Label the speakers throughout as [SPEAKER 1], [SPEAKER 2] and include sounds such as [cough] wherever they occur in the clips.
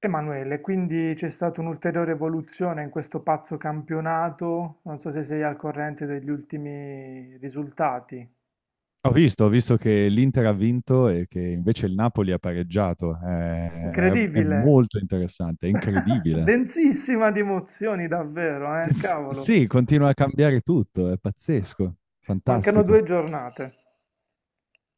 [SPEAKER 1] Emanuele, quindi c'è stata un'ulteriore evoluzione in questo pazzo campionato, non so se sei al corrente degli ultimi risultati.
[SPEAKER 2] Ho visto che l'Inter ha vinto e che invece il Napoli ha pareggiato. È
[SPEAKER 1] Incredibile!
[SPEAKER 2] molto interessante, è
[SPEAKER 1] [laughs]
[SPEAKER 2] incredibile.
[SPEAKER 1] Densissima di emozioni, davvero, eh? Cavolo,
[SPEAKER 2] Sì, continua a cambiare tutto, è pazzesco,
[SPEAKER 1] mancano
[SPEAKER 2] fantastico.
[SPEAKER 1] due giornate.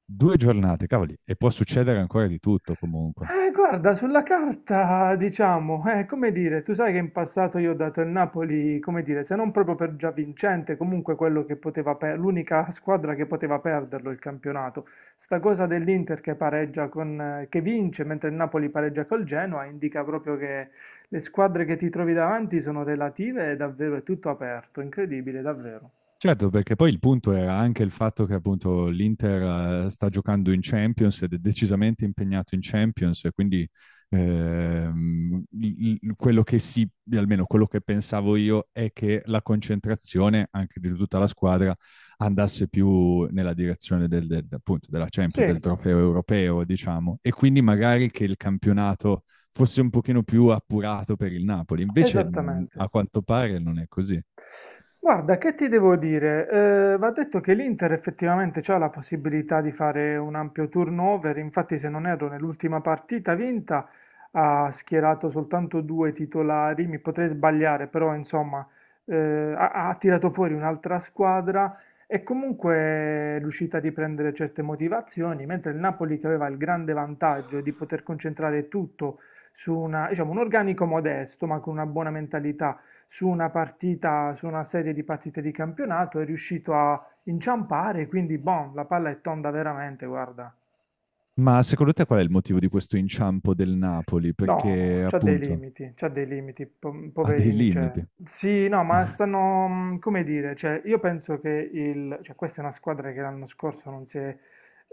[SPEAKER 2] Due giornate, cavoli, e può succedere ancora di tutto comunque.
[SPEAKER 1] Guarda, sulla carta, diciamo, come dire, tu sai che in passato io ho dato il Napoli, come dire, se non proprio per già vincente, comunque quello che poteva per- l'unica squadra che poteva perderlo il campionato. Sta cosa dell'Inter che pareggia che vince mentre il Napoli pareggia col Genoa indica proprio che le squadre che ti trovi davanti sono relative e davvero è tutto aperto, incredibile, davvero.
[SPEAKER 2] Certo, perché poi il punto era anche il fatto che appunto l'Inter sta giocando in Champions ed è decisamente impegnato in Champions e quindi quello che si, almeno quello che pensavo io, è che la concentrazione anche di tutta la squadra andasse più nella direzione appunto della
[SPEAKER 1] Sì,
[SPEAKER 2] Champions, del trofeo europeo, diciamo, e quindi magari che il campionato fosse un pochino più appurato per il Napoli. Invece
[SPEAKER 1] esattamente.
[SPEAKER 2] a quanto pare non è così.
[SPEAKER 1] Guarda, che ti devo dire? Va detto che l'Inter effettivamente ha la possibilità di fare un ampio turnover, infatti se non erro nell'ultima partita vinta ha schierato soltanto due titolari, mi potrei sbagliare, però insomma eh, ha tirato fuori un'altra squadra e comunque è riuscita a riprendere certe motivazioni, mentre il Napoli che aveva il grande vantaggio di poter concentrare tutto diciamo, un organico modesto ma con una buona mentalità, su una partita, su una serie di partite di campionato, è riuscito a inciampare, quindi boh, la palla è tonda veramente, guarda.
[SPEAKER 2] Ma secondo te qual è il motivo di questo inciampo del Napoli?
[SPEAKER 1] No,
[SPEAKER 2] Perché appunto
[SPEAKER 1] c'ha dei limiti,
[SPEAKER 2] ha dei
[SPEAKER 1] poverini, cioè.
[SPEAKER 2] limiti.
[SPEAKER 1] Sì, no, ma
[SPEAKER 2] [laughs]
[SPEAKER 1] stanno, come dire, cioè, io penso che cioè, questa è una squadra che l'anno scorso non si è,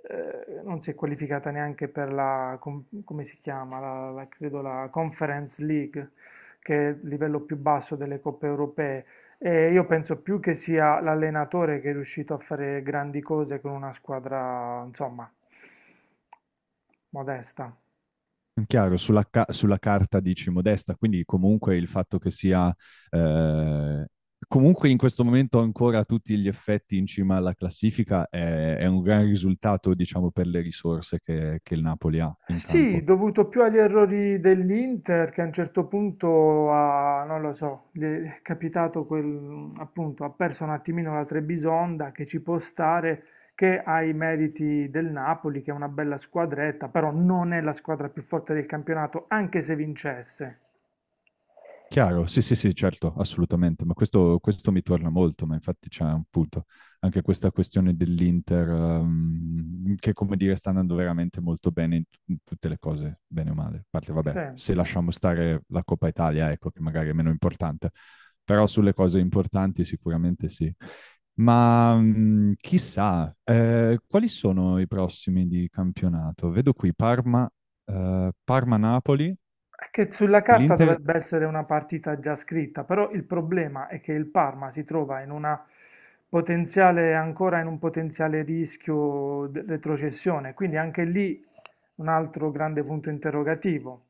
[SPEAKER 1] eh, non si è qualificata neanche per la, come si chiama, la, credo la Conference League, che è il livello più basso delle coppe europee. E io penso più che sia l'allenatore che è riuscito a fare grandi cose con una squadra, insomma, modesta.
[SPEAKER 2] Chiaro, sulla carta dici modesta, quindi comunque il fatto che sia eh, comunque in questo momento ancora a tutti gli effetti in cima alla classifica è un gran risultato, diciamo, per le risorse che il Napoli ha in
[SPEAKER 1] Sì,
[SPEAKER 2] campo.
[SPEAKER 1] dovuto più agli errori dell'Inter che a un certo punto ha, non lo so, gli è capitato quel, appunto, ha perso un attimino la Trebisonda che ci può stare, che ha i meriti del Napoli, che è una bella squadretta, però non è la squadra più forte del campionato, anche se vincesse.
[SPEAKER 2] Chiaro, sì, sì, sì, certo, assolutamente, ma questo mi torna molto, ma infatti c'è un punto, anche questa questione dell'Inter, che come dire sta andando veramente molto bene in tutte le cose, bene o male, a parte vabbè,
[SPEAKER 1] Sì,
[SPEAKER 2] se
[SPEAKER 1] sì.
[SPEAKER 2] lasciamo stare la Coppa Italia, ecco, che magari è meno importante, però sulle cose importanti sicuramente sì. Ma chissà, quali sono i prossimi di campionato? Vedo qui Parma, Parma-Napoli,
[SPEAKER 1] È che sulla
[SPEAKER 2] e
[SPEAKER 1] carta
[SPEAKER 2] l'Inter.
[SPEAKER 1] dovrebbe essere una partita già scritta, però il problema è che il Parma si trova ancora in un potenziale rischio di retrocessione, quindi anche lì un altro grande punto interrogativo.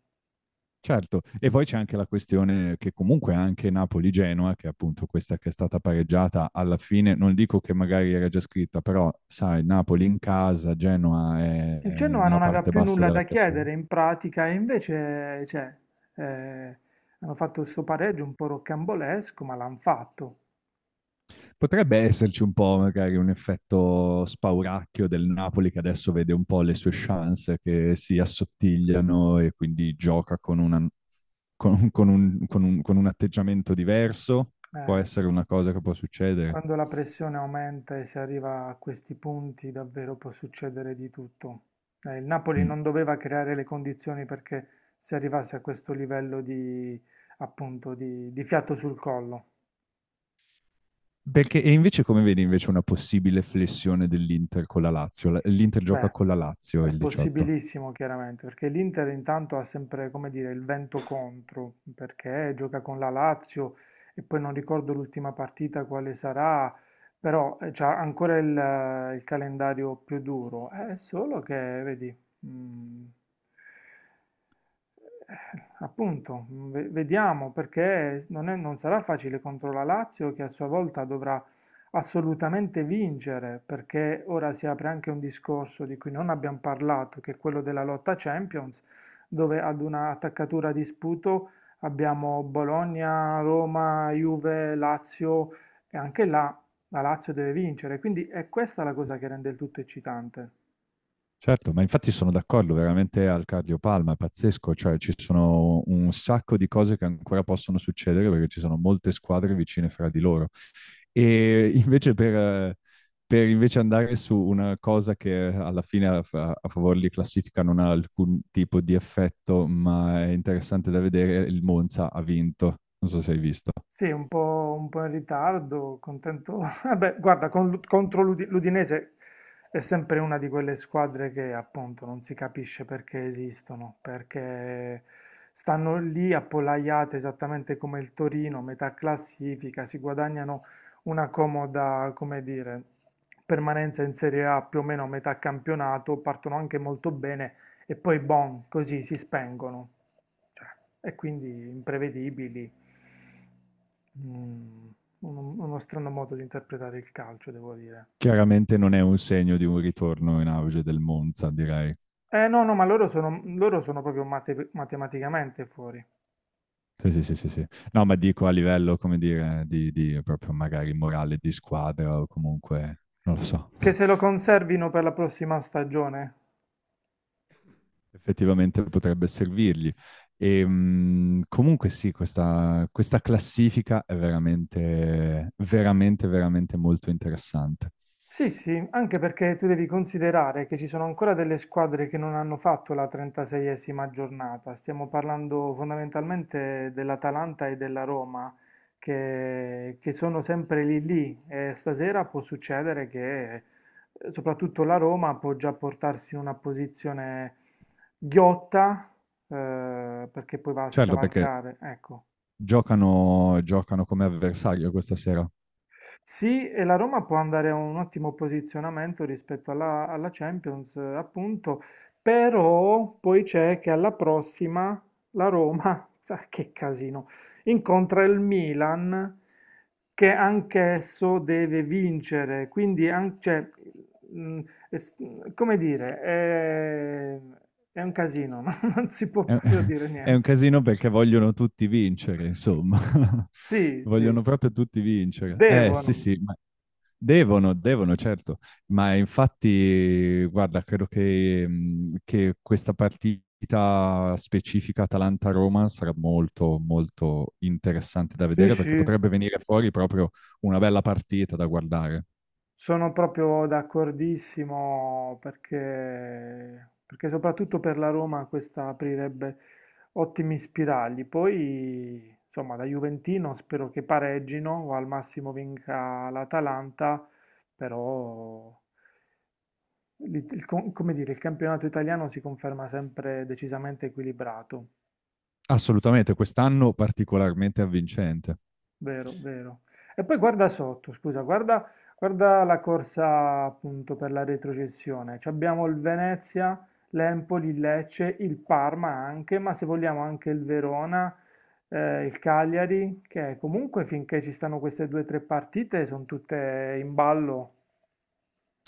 [SPEAKER 2] Certo, e poi c'è anche la questione che comunque anche Napoli-Genoa, che è appunto questa che è stata pareggiata alla fine, non dico che magari era già scritta, però sai, Napoli in casa,
[SPEAKER 1] Il
[SPEAKER 2] è
[SPEAKER 1] Genoa
[SPEAKER 2] nella
[SPEAKER 1] non aveva
[SPEAKER 2] parte
[SPEAKER 1] più
[SPEAKER 2] bassa
[SPEAKER 1] nulla
[SPEAKER 2] della
[SPEAKER 1] da
[SPEAKER 2] classifica.
[SPEAKER 1] chiedere in pratica e invece, cioè, eh, hanno fatto questo pareggio un po' rocambolesco, ma l'hanno fatto.
[SPEAKER 2] Potrebbe esserci un po' magari un effetto spauracchio del Napoli che adesso vede un po' le sue chance che si assottigliano e quindi gioca con, una, con, un, con un, con un atteggiamento diverso, può
[SPEAKER 1] Eh,
[SPEAKER 2] essere una cosa che può succedere.
[SPEAKER 1] Quando la pressione aumenta e si arriva a questi punti, davvero può succedere di tutto. Il Napoli
[SPEAKER 2] Mm.
[SPEAKER 1] non doveva creare le condizioni perché si arrivasse a questo livello di, appunto, di fiato sul collo.
[SPEAKER 2] Perché, e invece come vedi invece una possibile flessione dell'Inter con la Lazio? L'Inter gioca
[SPEAKER 1] Beh,
[SPEAKER 2] con la Lazio
[SPEAKER 1] è
[SPEAKER 2] il 18.
[SPEAKER 1] possibilissimo chiaramente, perché l'Inter intanto ha sempre, come dire, il vento contro, perché gioca con la Lazio e poi non ricordo l'ultima partita quale sarà, però ha ancora il calendario più duro. È solo che, vedi, mm, eh, appunto, vediamo perché non sarà facile contro la Lazio che a sua volta dovrà assolutamente vincere, perché ora si apre anche un discorso di cui non abbiamo parlato, che è quello della lotta Champions, dove ad una attaccatura di sputo abbiamo Bologna, Roma, Juve, Lazio e anche là la Lazio deve vincere, quindi è questa la cosa che rende il tutto eccitante.
[SPEAKER 2] Certo, ma infatti sono d'accordo, veramente al cardio palma, è pazzesco, cioè ci sono un sacco di cose che ancora possono succedere perché ci sono molte squadre vicine fra di loro. E invece eh, per invece andare su una cosa che alla fine a favore di classifica non ha alcun tipo di effetto, ma è interessante da vedere, il Monza ha vinto, non so se hai visto.
[SPEAKER 1] Sì, un po' in ritardo, contento. [laughs] Vabbè, guarda, contro l'Udinese è sempre una di quelle squadre che appunto non si capisce perché esistono, perché stanno lì appollaiate esattamente come il Torino, metà classifica, si guadagnano una comoda, come dire, permanenza in Serie A più o meno a metà campionato, partono anche molto bene e poi boom, così si spengono. Cioè, e quindi imprevedibili. Mm, uno strano modo di interpretare il calcio, devo dire.
[SPEAKER 2] Chiaramente non è un segno di un ritorno in auge del Monza, direi.
[SPEAKER 1] Eh no, no, ma loro sono proprio matematicamente fuori.
[SPEAKER 2] Sì, sì, sì, sì, sì. No, ma dico a livello, come dire, di proprio magari morale di squadra o comunque, non lo so,
[SPEAKER 1] Che se lo
[SPEAKER 2] [laughs]
[SPEAKER 1] conservino per la prossima stagione?
[SPEAKER 2] effettivamente potrebbe servirgli. E, comunque sì, questa classifica è veramente, veramente, veramente molto interessante.
[SPEAKER 1] Sì, sì, anche perché tu devi considerare che ci sono ancora delle squadre che non hanno fatto la 36esima giornata. Stiamo parlando fondamentalmente dell'Atalanta e della Roma, che sono sempre lì lì. E stasera può succedere che soprattutto la Roma può già portarsi in una posizione ghiotta, perché poi va a
[SPEAKER 2] Certo, perché
[SPEAKER 1] scavalcare. Ecco.
[SPEAKER 2] giocano come avversario questa sera.
[SPEAKER 1] Sì, e la Roma può andare a un ottimo posizionamento rispetto alla Champions, appunto, però poi c'è che alla prossima la Roma, [laughs] sa che casino, incontra il Milan che anch'esso deve vincere, quindi cioè, mm, es- come dire, è un casino, [laughs] non si può
[SPEAKER 2] È,
[SPEAKER 1] proprio
[SPEAKER 2] [laughs]
[SPEAKER 1] dire
[SPEAKER 2] è un
[SPEAKER 1] niente.
[SPEAKER 2] casino perché vogliono tutti vincere, insomma. [laughs]
[SPEAKER 1] Sì, sì,
[SPEAKER 2] Vogliono proprio tutti vincere. Sì,
[SPEAKER 1] devono,
[SPEAKER 2] sì, ma devono, certo. Ma infatti, guarda, credo che questa partita specifica Atalanta-Roma sarà molto, molto interessante da
[SPEAKER 1] sì,
[SPEAKER 2] vedere perché
[SPEAKER 1] sì.
[SPEAKER 2] potrebbe venire fuori proprio una bella partita da guardare.
[SPEAKER 1] Sono proprio d'accordissimo perché, perché soprattutto per la Roma questa aprirebbe ottimi spiragli. Poi, insomma, da Juventino spero che pareggino o al massimo vinca l'Atalanta, però, il, come dire, il campionato italiano si conferma sempre decisamente equilibrato.
[SPEAKER 2] Assolutamente, quest'anno particolarmente avvincente.
[SPEAKER 1] Vero, vero. E poi guarda sotto, scusa, guarda, guarda la corsa appunto per la retrocessione. Ci abbiamo il Venezia, l'Empoli, il Lecce, il Parma anche, ma se vogliamo anche il Verona, il Cagliari, che comunque finché ci stanno queste due o tre partite sono tutte in ballo.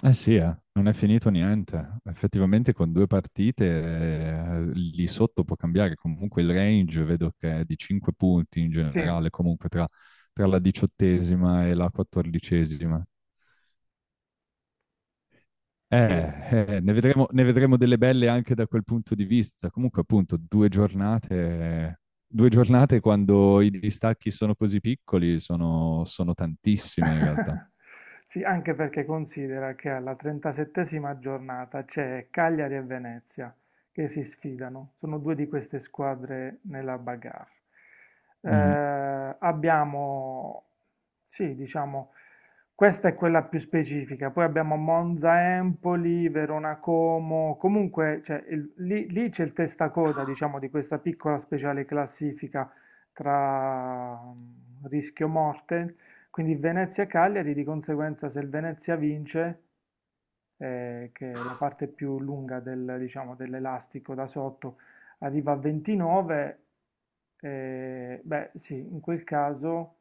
[SPEAKER 2] Eh sì, non è finito niente. Effettivamente con due partite lì sotto può cambiare. Comunque il range vedo che è di 5 punti in
[SPEAKER 1] Sì,
[SPEAKER 2] generale, comunque tra, tra la 18ª e la 14ª.
[SPEAKER 1] sì,
[SPEAKER 2] Eh, Ne vedremo, ne vedremo delle belle anche da quel punto di vista. Comunque appunto due giornate quando i distacchi sono così piccoli sono, sono tantissime in realtà.
[SPEAKER 1] [laughs] sì, anche perché considera che alla 37esima giornata c'è Cagliari e Venezia che si sfidano, sono due di queste squadre nella bagarre.
[SPEAKER 2] Mhm.
[SPEAKER 1] Abbiamo, sì, diciamo, questa è quella più specifica, poi abbiamo Monza Empoli, Verona Como, comunque cioè, lì, lì c'è il testacoda, diciamo, di questa piccola speciale classifica tra rischio morte, quindi Venezia e Cagliari, di conseguenza se il Venezia vince, che è la parte più lunga del, diciamo, dell'elastico da sotto, arriva a 29, beh sì, in quel caso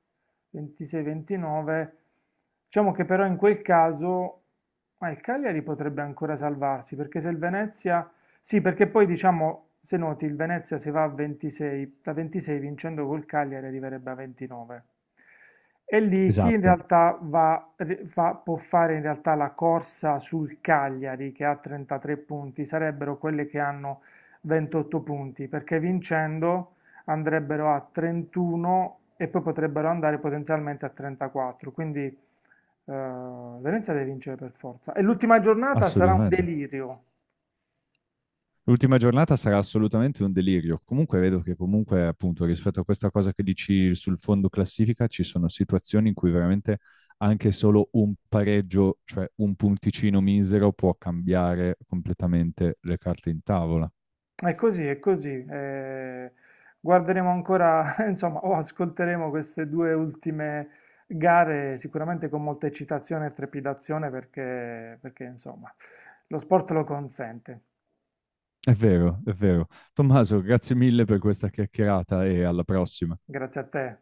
[SPEAKER 1] 26-29, diciamo che però in quel caso ah, il Cagliari potrebbe ancora salvarsi, perché se il Venezia sì, perché poi diciamo, se noti, il Venezia se va a 26, da 26 vincendo col Cagliari arriverebbe a 29. E lì chi in
[SPEAKER 2] Esatto.
[SPEAKER 1] realtà può fare in realtà la corsa sul Cagliari che ha 33 punti, sarebbero quelle che hanno 28 punti, perché vincendo andrebbero a 31 e poi potrebbero andare potenzialmente a 34. Quindi Venezia deve vincere per forza. E l'ultima giornata sarà un
[SPEAKER 2] Assolutamente.
[SPEAKER 1] delirio.
[SPEAKER 2] L'ultima giornata sarà assolutamente un delirio. Comunque vedo che comunque, appunto, rispetto a questa cosa che dici sul fondo classifica, ci sono situazioni in cui veramente anche solo un pareggio, cioè un punticino misero, può cambiare completamente le carte in tavola.
[SPEAKER 1] È così, è così. Guarderemo ancora, [laughs] insomma, o ascolteremo queste due ultime gare sicuramente con molta eccitazione e trepidazione perché, perché, insomma, lo sport lo consente.
[SPEAKER 2] È vero, è vero. Tommaso, grazie mille per questa chiacchierata e alla prossima.
[SPEAKER 1] Grazie a te.